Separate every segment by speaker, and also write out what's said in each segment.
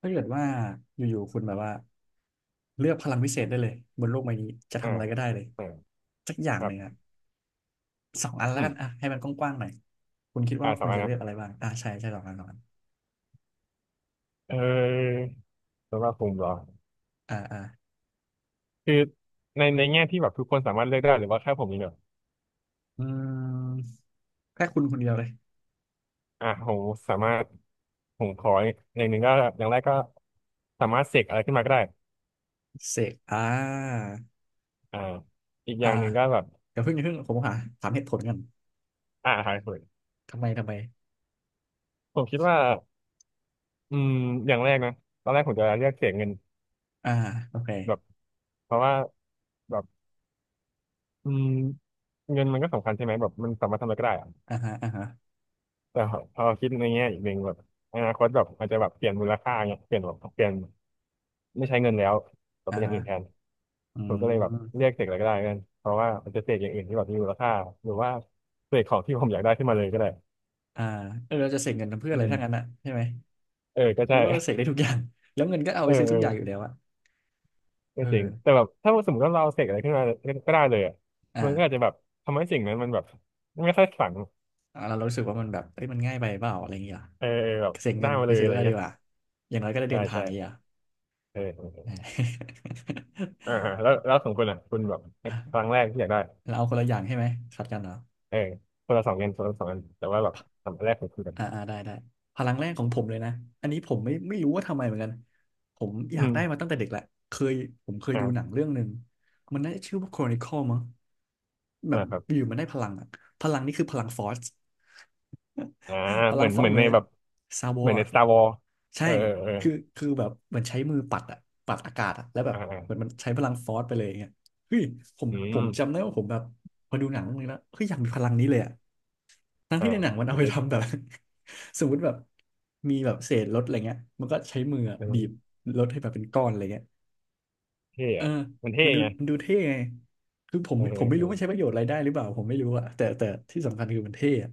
Speaker 1: ถ้าเกิดว่าอยู่ๆคุณแบบว่าเลือกพลังพิเศษได้เลยบนโลกใบนี้จะ
Speaker 2: อ่า
Speaker 1: ทำอะไรก็ได้เลย
Speaker 2: อ่า
Speaker 1: สักอย่าง
Speaker 2: ค
Speaker 1: ห
Speaker 2: รับ
Speaker 1: นึ่งอะสองอันแล้
Speaker 2: อื
Speaker 1: วกันอ่ะ
Speaker 2: ม
Speaker 1: ให้มันกว้างๆหน่อยคุณคิดว่า
Speaker 2: สอ
Speaker 1: คุ
Speaker 2: ง
Speaker 1: ณ
Speaker 2: อัน
Speaker 1: จะเลื
Speaker 2: นะ
Speaker 1: อกอะไรบ้างอ่ะใช่ใช่สองอันสองอัน
Speaker 2: เออสำหรับผมเหรอ
Speaker 1: อ่าอ่า
Speaker 2: คือในแง่ที่แบบทุกคนสามารถเลือกได้หรือว่าแค่ผมนี่างเดียว
Speaker 1: อืมแค่คุณคนเดียวเลย
Speaker 2: อ่ะผมสามารถผมขออย่างหนึ่งก็อย่างแรกก็สามารถเสกอะไรขึ้นมาก็ได้
Speaker 1: เสก
Speaker 2: อ่าอีกอ
Speaker 1: อ่า
Speaker 2: ย่างหนึ่งก็แบบ
Speaker 1: เดี๋ยวเพิ่งอย่าเพิ่งผมหาถามเหตุผลกัน
Speaker 2: หายเผย
Speaker 1: ทำไมทำไม
Speaker 2: ผมคิดว่าอืมอย่างแรกนะตอนแรกผมจะเลือกเสกเงิน
Speaker 1: อ่าโอเค
Speaker 2: แบบเพราะว่าแบบอืมเงินมันก็สำคัญใช่ไหมแบบมันสามารถทำอะไรก็ได้
Speaker 1: อ่าฮะอ่าฮะ
Speaker 2: แต่พอคิดในแง่อีกหนึ่งแบบอนาคตแบบอาจจะแบบเปลี่ยนมูลค่าเงี้ยเปลี่ยนแบบเปลี่ยนไม่ใช้เงินแล้วแต่
Speaker 1: อ่า
Speaker 2: เป็นอย่าง
Speaker 1: ฮะ
Speaker 2: อื่นแทน
Speaker 1: อื
Speaker 2: ผมก็เลยแบบ
Speaker 1: ม
Speaker 2: เรียกเสกอะไรก็ได้กันเพราะว่ามันจะเสกอย่างอื่นที่แบบมีมูลค่าหรือว่าเสกของที่ผมอยากได้ขึ้นมาเลยก็ได้
Speaker 1: อ่าเออเราจะเสกเงินทำเพื่อ
Speaker 2: อื
Speaker 1: อะไร
Speaker 2: ม
Speaker 1: ถ้างั้นอะใช่ไหม
Speaker 2: เออก็
Speaker 1: ใน
Speaker 2: ใช่
Speaker 1: เมื่อเราเสกได้ทุกอย่างแล้วเงินก็เอา
Speaker 2: เอ
Speaker 1: ไป
Speaker 2: อ
Speaker 1: ซื้อ
Speaker 2: เอ
Speaker 1: ทุกอ
Speaker 2: อ
Speaker 1: ย่างอยู่แล้วอะ
Speaker 2: ก็
Speaker 1: เอ
Speaker 2: จริง
Speaker 1: อ
Speaker 2: แต่แบบถ้าสมมติว่าเราเสกอะไรขึ้นมาก็ได้เลยอะมันก็อาจ
Speaker 1: อ่า
Speaker 2: จะแบบทำให้สิ่งนั้นมันแบบไม่ค่อยฝัง
Speaker 1: อ่าเรารู้สึกว่ามันแบบเอ้ยมันง่ายไปเปล่าอะไรอย่างเงี้ย
Speaker 2: เออเออแบบ
Speaker 1: เสียเงิ
Speaker 2: ได้
Speaker 1: น
Speaker 2: มา
Speaker 1: ไป
Speaker 2: เลย
Speaker 1: ซื้
Speaker 2: อะ
Speaker 1: อ
Speaker 2: ไร
Speaker 1: อะไรดี
Speaker 2: เงี้ย
Speaker 1: กว่าอย่างน้อยก็ได้
Speaker 2: ใช่
Speaker 1: เดินทาง
Speaker 2: ใช่
Speaker 1: อีกอ่ะ
Speaker 2: เออเออ เอออ่าฮะแล้วของคุณอ่ะคุณแบบ
Speaker 1: อ่า
Speaker 2: ค
Speaker 1: อ่ะ
Speaker 2: รั้งแรกที่อยากได้
Speaker 1: เราเอาคนละอย่างใช่ไหมขัดกันเหรอ
Speaker 2: เออคนละสองอันคนละสองอันแต่ว่าแบบสาำอันแรกของคุณกัน
Speaker 1: อ่าอ่าได้ได้พลังแรกของผมเลยนะอันนี้ผมไม่รู้ว่าทำไมเหมือนกันผมอ
Speaker 2: อื
Speaker 1: ยาก
Speaker 2: ม
Speaker 1: ได้มาตั้งแต่เด็กแหละเคยผมเคยดูหนัง
Speaker 2: อ่า
Speaker 1: เรื่องหนึ่งมันน่าจะชื่อว่า Chronicle มั้งแบ
Speaker 2: อ่า
Speaker 1: บ
Speaker 2: ครับ
Speaker 1: อยู่มันได้พลังอ่ะพลังนี่คือพลังฟอร์ส
Speaker 2: อ่า
Speaker 1: พลั
Speaker 2: เหมื
Speaker 1: ง
Speaker 2: อน
Speaker 1: ฟอ
Speaker 2: เห
Speaker 1: ร์ส
Speaker 2: มือ
Speaker 1: เห
Speaker 2: น
Speaker 1: มือ
Speaker 2: ใน
Speaker 1: น
Speaker 2: แบบ
Speaker 1: ซาบ
Speaker 2: เหมือนใน
Speaker 1: อ่ะ
Speaker 2: Star Wars
Speaker 1: ใช่
Speaker 2: เออเออ
Speaker 1: คือคือแบบเหมือนใช้มือปัดอะปัดอากาศอะแล้วแบ
Speaker 2: เอ
Speaker 1: บ
Speaker 2: ออ่าอ่า
Speaker 1: เหมือนมันใช้พลังฟอร์สไปเลยอย่างเงี้ยเฮ้ยผม
Speaker 2: อื
Speaker 1: ผม
Speaker 2: ม
Speaker 1: จำได้ว่าผมแบบพอดูหนังเรื่องนี้แล้วเฮ้ยอยากมีพลังนี้เลยอะทั้ง
Speaker 2: อ่า
Speaker 1: ที่ในหนังมัน
Speaker 2: มั
Speaker 1: เอา
Speaker 2: น
Speaker 1: ไป
Speaker 2: จะ
Speaker 1: ทำแบบ สมมติแบบมีแบบเศษรถอะไรเงี้ยมันก็ใช้มืออะบีบ
Speaker 2: เออ
Speaker 1: รถให้แบบเป็นก้อนอะไรเงี้ย
Speaker 2: เท่
Speaker 1: เออ
Speaker 2: อะมันเท่
Speaker 1: มันดู
Speaker 2: ไง
Speaker 1: มันดูเท่ไงคือผม
Speaker 2: เออเอ
Speaker 1: ผม
Speaker 2: อ
Speaker 1: ไม่
Speaker 2: เอ
Speaker 1: รู้มันใช้ป
Speaker 2: อ
Speaker 1: ระโยชน์อะไรได้หรือเปล่าผมไม่รู้อะแต่ที่สำคัญคือมันเท่อะ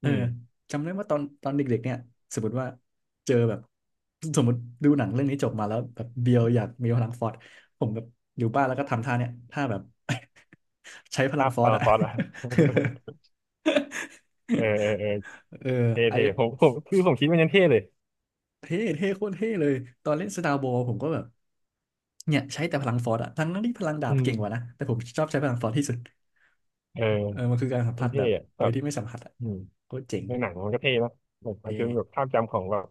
Speaker 1: เอ
Speaker 2: อื
Speaker 1: อ
Speaker 2: ม
Speaker 1: จำได้ว่าตอนเด็กๆเนี่ยสมมติว่าเจอแบบสมมติดูหนังเรื่องนี้จบมาแล้วแบบเบียวอยากมีพลังฟอร์สผมแบบอยู่บ้านแล้วก็ทำท่าเนี่ยท่าแบบ ใช้พลั
Speaker 2: ภา
Speaker 1: ง
Speaker 2: พ
Speaker 1: ฟอร์
Speaker 2: ฟา
Speaker 1: ส
Speaker 2: ร์
Speaker 1: อะ
Speaker 2: ฟอสอะ เออ เออเออ
Speaker 1: เออ
Speaker 2: เท่
Speaker 1: ไอน
Speaker 2: เท่
Speaker 1: นี้
Speaker 2: ผมคือผมคิดมันยังเท่เลย
Speaker 1: เท่เท่โคตรเท่เลย ตอนเล่นสตาร์บอลผมก็แบบ เนี่ยใช้แต่พลังฟอร์สอะทั้งนั้นที่พลังดา
Speaker 2: อื
Speaker 1: บ
Speaker 2: ม
Speaker 1: เก่งกว่านะแต่ผมชอบใช้พลังฟอร์สที่สุด
Speaker 2: เออ
Speaker 1: เออมันคือการสัม
Speaker 2: มั
Speaker 1: ผั
Speaker 2: น
Speaker 1: สแบ
Speaker 2: เท่
Speaker 1: บ
Speaker 2: อะ
Speaker 1: โด
Speaker 2: แบ
Speaker 1: ย
Speaker 2: บ
Speaker 1: ที่ไม่สัมผัสอะ
Speaker 2: อืม
Speaker 1: โคตรเจ๋ง
Speaker 2: ในหนังมันก็เท่นะแบบ
Speaker 1: เ
Speaker 2: มันจนแบบ
Speaker 1: ท่
Speaker 2: ภาพจำของแบบ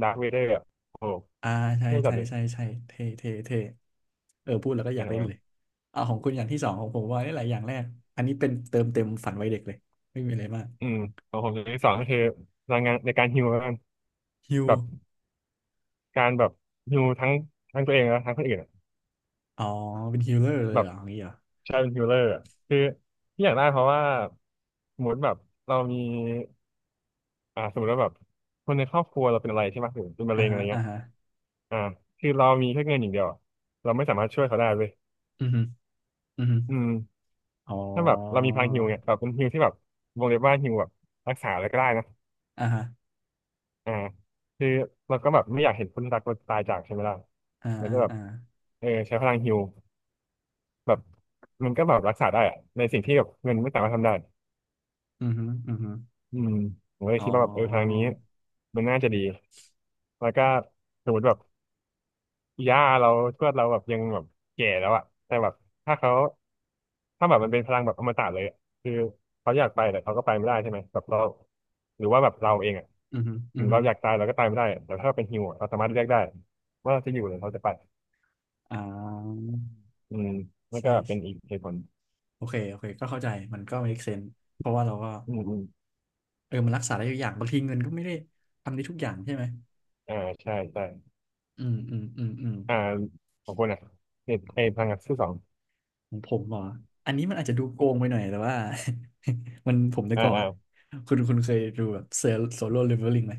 Speaker 2: ดาร์คเวเดอร์อะโอ้โห
Speaker 1: อ่าใช่
Speaker 2: เท่จั
Speaker 1: ใช่
Speaker 2: ดเลย
Speaker 1: ใช่ใช่เท่เท่เท่เออพูดแล้วก็อยากเล่นเลย
Speaker 2: อ่า
Speaker 1: อ่าของคุณอย่างที่สองของผมว่าได้หลายอย่างแรกอันนี้เป็นเติมเต็มฝันวัยเด็กเลยไม่มีอะไรมาก
Speaker 2: อืมของผมอย่างที่สองก็คือพลังงานในการฮีลแล้วกัน
Speaker 1: ฮิว
Speaker 2: แบบการแบบฮีลทั้งตัวเองแล้วทั้งคนอื่นอะ
Speaker 1: อ๋อเป็นฮิลเลอร์เล
Speaker 2: แบ
Speaker 1: ย
Speaker 2: บ
Speaker 1: เหรออย่างนี้เหรอ
Speaker 2: ใช้เป็นฮีลเลอร์อะคือที่อยากได้เพราะว่าสมมติแบบเรามีสมมติว่าแบบคนในครอบครัวเราเป็นอะไรใช่ไหมหรือเป็นมะ
Speaker 1: อ่า
Speaker 2: เร็งอะ
Speaker 1: ฮะ
Speaker 2: ไร
Speaker 1: อ่า
Speaker 2: เงี้ย
Speaker 1: ฮะ
Speaker 2: อ่าคือเรามีแค่เงินอย่างเดียวอะเราไม่สามารถช่วยเขาได้เลย
Speaker 1: อือฮึอือฮึ
Speaker 2: อืม
Speaker 1: อ๋อ
Speaker 2: ถ้าแบบเรามีพลังฮีลเนี่ยแบบเป็นฮีลที่แบบวงเล็บว่าฮีลแบบรักษาอะไรก็ได้นะ
Speaker 1: อ่าฮะ
Speaker 2: อ่าคือเราก็แบบไม่อยากเห็นคนรักเราตายจากใช่ไหมล่ะ
Speaker 1: อ่า
Speaker 2: มัน
Speaker 1: อ่า
Speaker 2: ก็แบบ
Speaker 1: อ่า
Speaker 2: เออใช้พลังฮีลแบบมันก็แบบรักษาได้อะในสิ่งที่แบบเงินไม่สามารถทำได้
Speaker 1: อือฮึอือฮึ
Speaker 2: อืมผมก็เล
Speaker 1: อ๋
Speaker 2: ย
Speaker 1: อ
Speaker 2: คิดว่าแบบเออทางนี้มันน่าจะดีแล้วก็สมมติแบบ ย่าเราทวดเราแบบยังแบบแก่แล้วอะแต่แบบถ้าเขาถ้าแบบมันเป็นพลังแบบอมตะเลยอะคือเขาอยากไปแต่เขาก็ไปไม่ได้ใช่ไหมแบบเราหรือว่าแบบเราเองอะ
Speaker 1: อือฮึอื
Speaker 2: ถึ
Speaker 1: อ
Speaker 2: ง
Speaker 1: ฮึ
Speaker 2: เราอยากตายเราก็ตายไม่ได้อะแต่ถ้าเป็นฮิวอะเราสามารถเลือกได้ว่าเราจะอยู่หรือเราจะไป
Speaker 1: อ่า
Speaker 2: อืมนั่น
Speaker 1: ใช่
Speaker 2: ก็เป็นอีกเหตุผล
Speaker 1: โอเคโอเคก็เข้าใจมันก็ make sense เพราะว่าเราก็
Speaker 2: อืมอืม
Speaker 1: เออมันรักษาได้ทุกอย่างบางทีเงินก็ไม่ได้ทำได้ทุกอย่างใช่ไหม
Speaker 2: อ่าใช่ใช่
Speaker 1: อืมอืมอืมอืม
Speaker 2: อ่าขอบคุณนะเนี่ยไอ้พลังงานที่สอง
Speaker 1: ของผมเหรออันนี้มันอาจจะดูโกงไปหน่อยแต่ว่า มันผมแต่
Speaker 2: อ่า
Speaker 1: ก่อน
Speaker 2: อ่า
Speaker 1: คุณเคยดูแบบเซลโซโล่เลเวลลิ่งไหม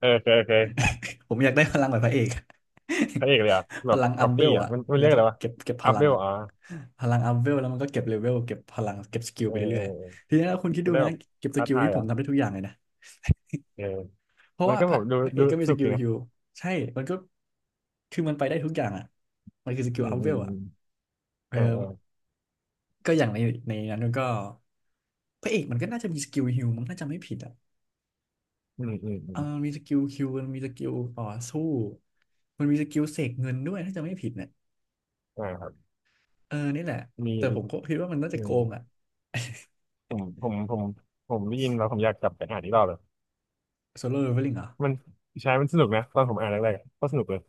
Speaker 2: เออเคยเคย
Speaker 1: ผมอยากได้พลังแบบพระเอก
Speaker 2: พระเอกเลยอ่ะ
Speaker 1: พ
Speaker 2: แบบ
Speaker 1: ลังอั
Speaker 2: ก๊อ
Speaker 1: พ
Speaker 2: ป
Speaker 1: เว
Speaker 2: ปี้
Speaker 1: ล
Speaker 2: อ่ะ
Speaker 1: อะ
Speaker 2: มัน
Speaker 1: แล้
Speaker 2: เรี
Speaker 1: ว
Speaker 2: ยก
Speaker 1: ก็
Speaker 2: อะไรวะ
Speaker 1: เก็บพ
Speaker 2: อัพ
Speaker 1: ลั
Speaker 2: เว
Speaker 1: ง
Speaker 2: ล
Speaker 1: อะ
Speaker 2: อ่ะ
Speaker 1: พลังอัพเวลแล้วมันก็เก็บเลเวลเก็บพลังเก็บสกิล
Speaker 2: เอ
Speaker 1: ไป
Speaker 2: อเอ
Speaker 1: เรื่
Speaker 2: อ
Speaker 1: อย
Speaker 2: เออ
Speaker 1: ๆทีนี้ถ้าคุณคิด
Speaker 2: จะ
Speaker 1: ดู
Speaker 2: ได้แบ
Speaker 1: นะ
Speaker 2: บ
Speaker 1: เก็บส
Speaker 2: ท้า
Speaker 1: กิล
Speaker 2: ทาย
Speaker 1: นี่ผ
Speaker 2: อ่ะ
Speaker 1: มทำได้ทุกอย่างเลยนะ
Speaker 2: เออ
Speaker 1: เพราะ
Speaker 2: มัน
Speaker 1: ว่า
Speaker 2: ก็
Speaker 1: พ
Speaker 2: แบ
Speaker 1: ระ
Speaker 2: บดู
Speaker 1: พระเอ
Speaker 2: ดู
Speaker 1: กก็มีส
Speaker 2: สุก
Speaker 1: กิ
Speaker 2: อ
Speaker 1: ล
Speaker 2: ยนะ
Speaker 1: ฮิลใช่มันก็คือมันไปได้ทุกอย่างอ่ะมันคือสกิ
Speaker 2: อื
Speaker 1: ล
Speaker 2: ม
Speaker 1: อัพ
Speaker 2: อื
Speaker 1: เว
Speaker 2: ม
Speaker 1: ลอ่ะ
Speaker 2: อืม
Speaker 1: เอ
Speaker 2: เอ
Speaker 1: อ
Speaker 2: อเออ
Speaker 1: ก็อย่างในในนั้นมันก็พระเอกมันก็น่าจะมีสกิลฮิลมันน่าจะไม่ผิดอ่ะ
Speaker 2: อืมอืมอื
Speaker 1: เออ
Speaker 2: ม
Speaker 1: มันมีสกิลฮิลมันมีสกิลต่อสู้มันมีสกิลเสกเงินด้วยถ้าจะไม่ผิดเนี่ย
Speaker 2: อ่าครับ
Speaker 1: เออนี่แหละ
Speaker 2: มี
Speaker 1: แต่ผ
Speaker 2: อีก
Speaker 1: มก็คิดว่ามันน่า
Speaker 2: อื
Speaker 1: จะโก
Speaker 2: ม
Speaker 1: งอ่ะ
Speaker 2: ผมผมผมผมได้ยินแล้วผมอยากกลับไปอ่านอีกรอบเลย
Speaker 1: โซโล่เลเวลลิ่งเหรอ
Speaker 2: มันใช้มันสนุกนะตอนผมอ่านแรกๆอะก็สนุกเลย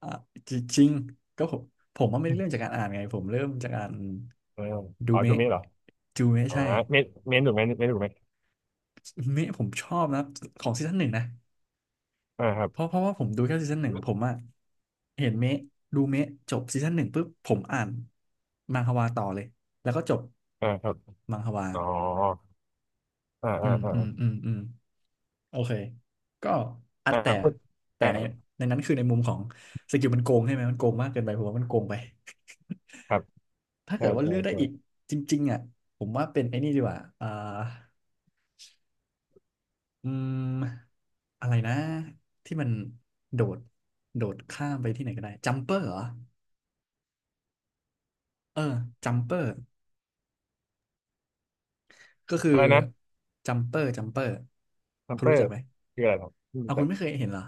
Speaker 1: อ่ะจริงๆก็ผมผมว่าไม่ได้เริ่มจากการอ่านไงผมเริ่มจากการ
Speaker 2: เออ
Speaker 1: ดู
Speaker 2: ดู
Speaker 1: เมะ
Speaker 2: เมนเหรอ
Speaker 1: จูเมะ
Speaker 2: อ๋อ
Speaker 1: ใช่
Speaker 2: เมนเมนถูกไหมเมนถูกไหม
Speaker 1: เมะผมชอบนะของซีซั่นหนึ่งนะ
Speaker 2: อ่าครับ
Speaker 1: เพราะว่าผมดูแค่ซีซั่นหนึ่งผมอะเห็นเมะดูเมะจบซีซั่นหนึ่งปุ๊บผมอ่านมังฮวาต่อเลยแล้วก็จบ
Speaker 2: อ่าครับ
Speaker 1: มังฮวา
Speaker 2: อ๋ออ่า
Speaker 1: อื
Speaker 2: อ่า
Speaker 1: ม
Speaker 2: อ่า
Speaker 1: อืมอืมอืมโอเคก็อัด
Speaker 2: อ่า
Speaker 1: แต่
Speaker 2: พูด
Speaker 1: แต่
Speaker 2: อ่า
Speaker 1: ในในนั้นคือในมุมของสกิลมันโกงใช่ไหมมันโกงมากเกินไปผมว่ามันโกงไป
Speaker 2: ครับ
Speaker 1: ถ้า
Speaker 2: ใช่
Speaker 1: เกิดว่า
Speaker 2: ใช่
Speaker 1: เลือกได้
Speaker 2: ใช่
Speaker 1: อีกจริงๆอ่ะผมว่าเป็นไอ้นี่ดีกว่าอ่า อืมอะไรนะที่มันโดดโดดข้ามไปที่ไหนก็ได้จัมเปอร์เหรอเออจัมเปอร์ก็คือ
Speaker 2: อะไรนะ
Speaker 1: จัมเปอร์
Speaker 2: ซัม
Speaker 1: คุณ
Speaker 2: เปอ
Speaker 1: รู้จัก
Speaker 2: ร์
Speaker 1: ไหม
Speaker 2: คืออะไรครับ
Speaker 1: เอาคุ
Speaker 2: แต่
Speaker 1: ณไม่เคยเห็นเหรอ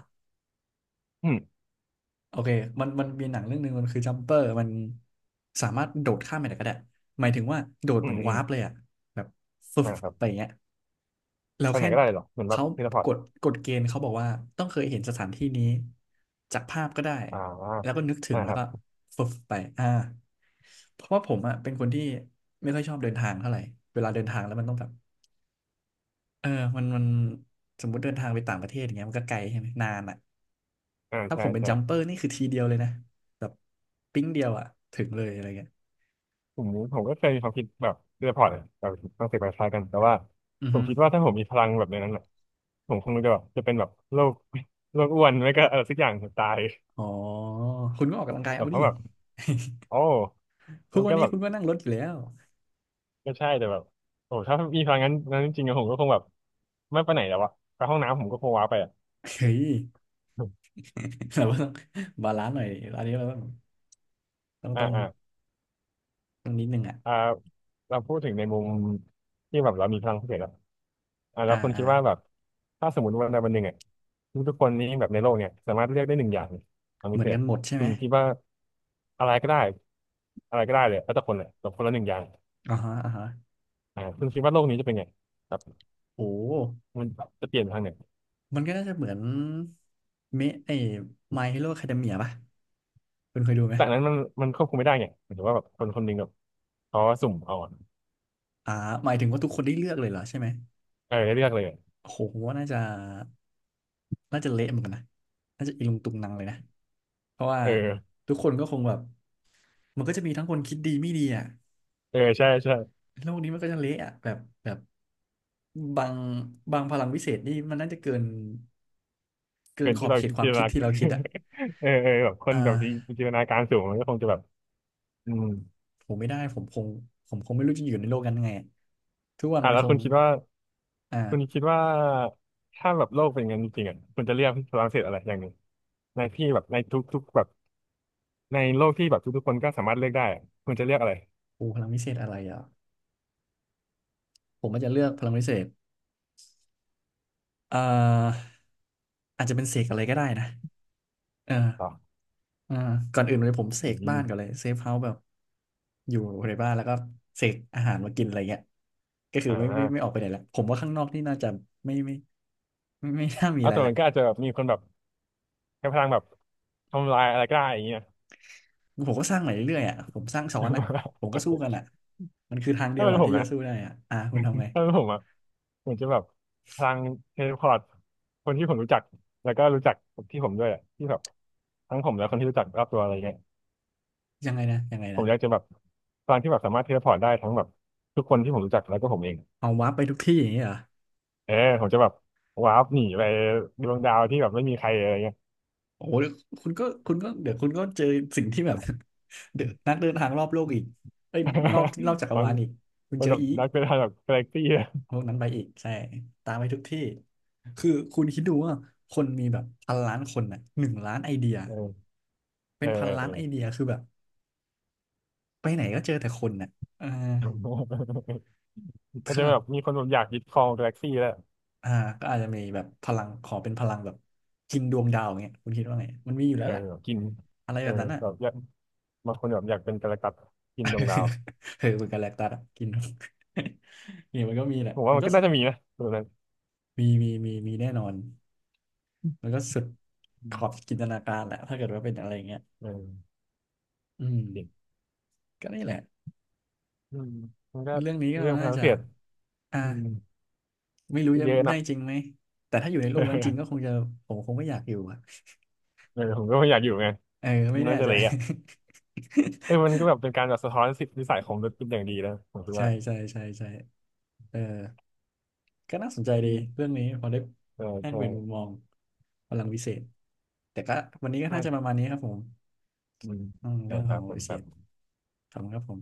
Speaker 2: อืม
Speaker 1: โอเคมันมีหนังเรื่องหนึ่งมันคือจัมเปอร์มันสามารถโดดข้ามไปไหนก็ได้หมายถึงว่าโดด
Speaker 2: อื
Speaker 1: เหมือ
Speaker 2: ม
Speaker 1: น
Speaker 2: อื
Speaker 1: วา
Speaker 2: ม
Speaker 1: ร์ปเลยอะแบบฟึบ
Speaker 2: อ่าครับ
Speaker 1: ไปอย่างเงี้ย เรา
Speaker 2: ไปไหน
Speaker 1: แค่
Speaker 2: ก็ได้เหรอเหมือนแบบ
Speaker 1: เขา
Speaker 2: เทเลพอร์
Speaker 1: ก
Speaker 2: ต
Speaker 1: ฎกฎเกณฑ์เขาบอกว่าต้องเคยเห็นสถานที่นี้จากภาพก็ได้
Speaker 2: อ่า
Speaker 1: แล้วก็นึกถึ
Speaker 2: อ่า
Speaker 1: ง
Speaker 2: ค
Speaker 1: แล้ว
Speaker 2: รั
Speaker 1: ก็
Speaker 2: บ
Speaker 1: ฟึบไปอ่าเพราะว่าผมอ่ะเป็นคนที่ไม่ค่อยชอบเดินทางเท่าไหร่เวลาเดินทางแล้วมันต้องแบบเออมันสมมุติเดินทางไปต่างประเทศอย่างเงี้ยมันก็ไกลใช่ไหมนานอ่ะ
Speaker 2: อ่า
Speaker 1: ถ้าผ
Speaker 2: ใช่
Speaker 1: มเป็น
Speaker 2: ใช่
Speaker 1: จัมเปอร์นี่คือทีเดียวเลยนะแบบปิ๊งเดียวอ่ะถึงเลยอะไรเงี้ย
Speaker 2: กลุ่มนี้ผมก็เคยมีความคิดแบบเรื่องพอร์ตแบบต้องเสกไปคล้ายกันแต่ว่า
Speaker 1: อือ
Speaker 2: ผ
Speaker 1: ฮึ
Speaker 2: มคิดว่าถ้าผมมีพลังแบบในนั้นอ่ะผมคงจะแบบจะเป็นแบบโรค โรคอ้วนไม่ก็อะไรสักอย่างถึงตาย
Speaker 1: อ๋อคุณก็ออกกำลังกาย
Speaker 2: แบ
Speaker 1: เอา
Speaker 2: บเพ
Speaker 1: ดิ
Speaker 2: ราะแบบ โอ้
Speaker 1: ทุ
Speaker 2: มั
Speaker 1: ก
Speaker 2: น
Speaker 1: วั
Speaker 2: ก็
Speaker 1: นนี้
Speaker 2: แบบ
Speaker 1: คุณก็นั่งรถอยู่แล้ว
Speaker 2: ก็ใช่แต่แบบโอ้ถ้ามีพลังงั้นนั้นจริงๆอะผมก็คงแบบไม่ไปไหนแล้วอะไปห้องน้ำผมก็คงว้าไปอะ
Speaker 1: เฮ้ย เราก็ต้องบาลานซ์หน่อยอันนี้เราต้องต้อง
Speaker 2: อ่า
Speaker 1: ต้อ ง
Speaker 2: อ่า
Speaker 1: ต้องนิดนึงอ่ะ
Speaker 2: อ่าเราพูดถึงในมุมที่แบบเรามีพลังพิเศษแล้วอ่าแล้
Speaker 1: อ่า
Speaker 2: วคุณ
Speaker 1: อ่า
Speaker 2: คิดว่าแบบถ้าสมมติวันใดวันหนึ่งอ่ะทุกๆคนนี้แบบในโลกเนี่ยสามารถเลือกได้หนึ่งอย่างพลัง
Speaker 1: เห
Speaker 2: พิ
Speaker 1: มือ
Speaker 2: เศ
Speaker 1: นกั
Speaker 2: ษ
Speaker 1: นหมดใช่ไห
Speaker 2: คุ
Speaker 1: ม
Speaker 2: ณคิดว่าอะไรก็ได้อะไรก็ได้เลยแล้วแต่คนเลยแต่คนละหนึ่งอย่าง
Speaker 1: อ่าฮะอ่าฮะ
Speaker 2: อ่าคุณคิดว่าโลกนี้จะเป็นไงครับ
Speaker 1: โอ้
Speaker 2: มันจะเปลี่ยนไปทางไหน
Speaker 1: มันก็น่าจะเหมือนเมะไอ้ My Hero Academia ป่ะคุณเคยดูไหม
Speaker 2: แต่อันนั้นมันควบคุมไม่ได้ไงหมายถึงว่าแบบคนคนหนึ่งแบบเขาสุ่มเอาอะ
Speaker 1: อ่าหมายถึงว่าทุกคนได้เลือกเลยเหรอใช่ไหม
Speaker 2: เออให้เลือกเลยอะ
Speaker 1: โอ้โหผมว่าน่าจะเละเหมือนกันนะน่าจะอีลุงตุงนังเลยนะเพราะว่า
Speaker 2: เออ
Speaker 1: ทุกคนก็คงแบบมันก็จะมีทั้งคนคิดดีไม่ดีอ่ะ
Speaker 2: เออใช่ใช่
Speaker 1: โลกนี้มันก็จะเละอ่ะแบบบางบางพลังวิเศษนี่มันน่าจะเกิน เกิ
Speaker 2: เกิ
Speaker 1: น
Speaker 2: น
Speaker 1: ขอ
Speaker 2: ที่
Speaker 1: บ
Speaker 2: เรา
Speaker 1: เขต
Speaker 2: จิน
Speaker 1: ค
Speaker 2: ต
Speaker 1: วามคิ
Speaker 2: นา
Speaker 1: ดที่เราคิดอ่ะ
Speaker 2: เออเออแบบค
Speaker 1: อ่
Speaker 2: นแบบ
Speaker 1: า
Speaker 2: จินตนาการสูงมันก็คงจะแบบอืม
Speaker 1: ผมไม่ได้ผมคงไม่รู้จะอยู่ในโลกนั้นยังไงอะทุกวัน
Speaker 2: อ่ะ
Speaker 1: มัน
Speaker 2: แล้
Speaker 1: ค
Speaker 2: ว
Speaker 1: ง
Speaker 2: คุณคิดว่าคุณ
Speaker 1: อ่า
Speaker 2: คิดว่าถ้าแบบโลกเป็นอย่างนั้นจริงๆอ่ะคุณจะเลือกฝรั่งเศสอะไรอย่างหนึ่งในที่แบบในทุกๆแบบในโลกที่แบบทุกๆคนก็สามารถเลือกได้อะคุณจะเลือกอะไร
Speaker 1: โอ้พลังวิเศษอะไรอ่ะ ผมอาจจะเลือกพลังวิเศษอ่าอาจจะเป็นเสกอะไรก็ได้นะเออ
Speaker 2: ต่อ
Speaker 1: อ่าก่อนอื่นเลยผมเส
Speaker 2: อื
Speaker 1: กบ้า
Speaker 2: ม
Speaker 1: นก่อนเลยเซฟเฮาส์แบบอยู่ในบ้านแล้วก็เสกอาหารมากินอะไรเงี้ยก็คือ
Speaker 2: อ่
Speaker 1: ไม่อ
Speaker 2: า
Speaker 1: อกไปไหนละผมว่าข้างนอกนี่น่าจะไม่ไม่ไม่น่ามี
Speaker 2: เอา
Speaker 1: อะไร
Speaker 2: ตัว
Speaker 1: ละ
Speaker 2: มันก็อาจจะแบบมีคนแบบใช้พลังแบบทำลายอะไรก็ได้อย่างเงี้ย
Speaker 1: ผมก็สร้างใหม่เรื่อยๆอ่ะผมสร้างซ้อนอ่ะผมก็สู้กัน อ่ะมันคือทางเดี
Speaker 2: ถ้า
Speaker 1: ยว
Speaker 2: เป็น
Speaker 1: อ่ะ
Speaker 2: ผ
Speaker 1: ที่
Speaker 2: ม
Speaker 1: จะ
Speaker 2: นะ
Speaker 1: สู้ได้อ่ะอ่ะคุณทำไง
Speaker 2: ถ้าเป็นผมอ่ะ เหมือนจะแบบพลังเทเลพอร์ตคนที่ผมรู้จักแล้วก็รู้จักที่ผมด้วยอะที่แบบทั้งผมและคนที่รู้จักรอบตัวอะไรเงี้ย
Speaker 1: ยังไง
Speaker 2: ผ
Speaker 1: นะ
Speaker 2: มอยากจะแบบพลังที่แบบสามารถเทเลพอร์ตได้ทั้งแบบทุกคนที่ผมรู้จักแล้วก็ผมเอง
Speaker 1: เอาวาร์ปไปทุกที่อย่างนี้เหรอ
Speaker 2: เออผมจะแบบว้าร์ปหนีไปดวงดาวที่แบบไม่มีใครอะไรเงี้ย
Speaker 1: โอ้โหคุณก็เดี๋ยวคุณก็เจอสิ่งที่แบบ เดี๋ยวนักเดินทางรอบโลกอีกเอ้ยนอก จัก
Speaker 2: ต
Speaker 1: ร
Speaker 2: อน
Speaker 1: วาลอีกคุณ
Speaker 2: เป็
Speaker 1: เจ
Speaker 2: น
Speaker 1: อ
Speaker 2: แบบ
Speaker 1: อีก
Speaker 2: นักเป็นแบบกาแล็กซี่อะ
Speaker 1: พวกนั้นไปอีกใช่ตามไปทุกที่คือคุณคิดดูว่าคนมีแบบพันล้านคนน่ะหนึ่งล้านไอเดีย
Speaker 2: เออ
Speaker 1: เป็
Speaker 2: เอ
Speaker 1: น
Speaker 2: อ
Speaker 1: พันล้า
Speaker 2: เอ
Speaker 1: นไอเดี
Speaker 2: อ
Speaker 1: ยคือแบบไปไหนก็เจอแต่คนน่ะเออ
Speaker 2: เออก็
Speaker 1: ข
Speaker 2: จะ
Speaker 1: นา
Speaker 2: แบ
Speaker 1: ด
Speaker 2: บมีคนแบบอยากยึดครองกาแล็กซี่แล้ว
Speaker 1: อ่าก็อาจจะมีแบบพลังขอเป็นพลังแบบกินดวงดาวอย่างเงี้ยคุณคิดว่าไงมันมีอยู่แล้
Speaker 2: เอ
Speaker 1: ว
Speaker 2: อ
Speaker 1: ล่ะ
Speaker 2: แบบกิน
Speaker 1: อะไร
Speaker 2: เอ
Speaker 1: แบ
Speaker 2: อ
Speaker 1: บนั้นอ่ะ
Speaker 2: แบบอยากบางคนแบบอยากเป็นกาแล็กตัสกินดวงดาว
Speaker 1: เออเหมือนกับแลคตัสอะกิน เนี่ยมันก็มีแหละ
Speaker 2: ผมว่า
Speaker 1: มัน
Speaker 2: มัน
Speaker 1: ก็
Speaker 2: ก็น่าจะมีนะตัวนั้น
Speaker 1: มีแน่นอนมันก็สุด
Speaker 2: อื
Speaker 1: ขอบ
Speaker 2: ม
Speaker 1: จินตนาการแหละถ้าเกิดว่าเป็นอะไรอย่างเงี้ย
Speaker 2: เออ
Speaker 1: อืม
Speaker 2: จริง
Speaker 1: ก็นี่แหละ
Speaker 2: อืมมันก็
Speaker 1: เรื่องนี้ก็
Speaker 2: เรื่องพ
Speaker 1: น่า
Speaker 2: ลัง
Speaker 1: จะ
Speaker 2: เสียด
Speaker 1: อ่า
Speaker 2: อืม
Speaker 1: ไม่รู้
Speaker 2: ก็
Speaker 1: จะ
Speaker 2: เยอะ
Speaker 1: ได้
Speaker 2: นะ
Speaker 1: จริงไหมแต่ถ้าอยู่ในโลกนั้นจริงก็ค งจะผมคงไม่อยากอยู่อะ
Speaker 2: เออผมก็ไม่อยากอยู่ไง
Speaker 1: เออ
Speaker 2: มั
Speaker 1: ไม่
Speaker 2: น
Speaker 1: แน่
Speaker 2: น่าจะ
Speaker 1: ใจ
Speaker 2: เละอ่ะ เออมันก็แบบเป็นการแบบสะท้อนสิทธินิสัยของมนุษย์เป็นอย่างดีนะผมคิด
Speaker 1: ใช่
Speaker 2: ว่า
Speaker 1: ใช่ใช่ใช่เออ ก็น่าสนใจ
Speaker 2: อื
Speaker 1: ดี
Speaker 2: ม
Speaker 1: เรื่องนี้พอได้
Speaker 2: เออ
Speaker 1: แลก
Speaker 2: เออ
Speaker 1: เปลี่ยนมุมมองพลังวิเศษแต่ก็วันนี้ก็น่าจะประ
Speaker 2: ใช่
Speaker 1: มาณนี้ครับผม
Speaker 2: อืม
Speaker 1: อืม
Speaker 2: ครั
Speaker 1: เรื่อ
Speaker 2: บ
Speaker 1: ง
Speaker 2: ค
Speaker 1: ขอ
Speaker 2: รั
Speaker 1: ง
Speaker 2: บผม
Speaker 1: วิเศ
Speaker 2: ครับ
Speaker 1: ษขอบคุณครับผม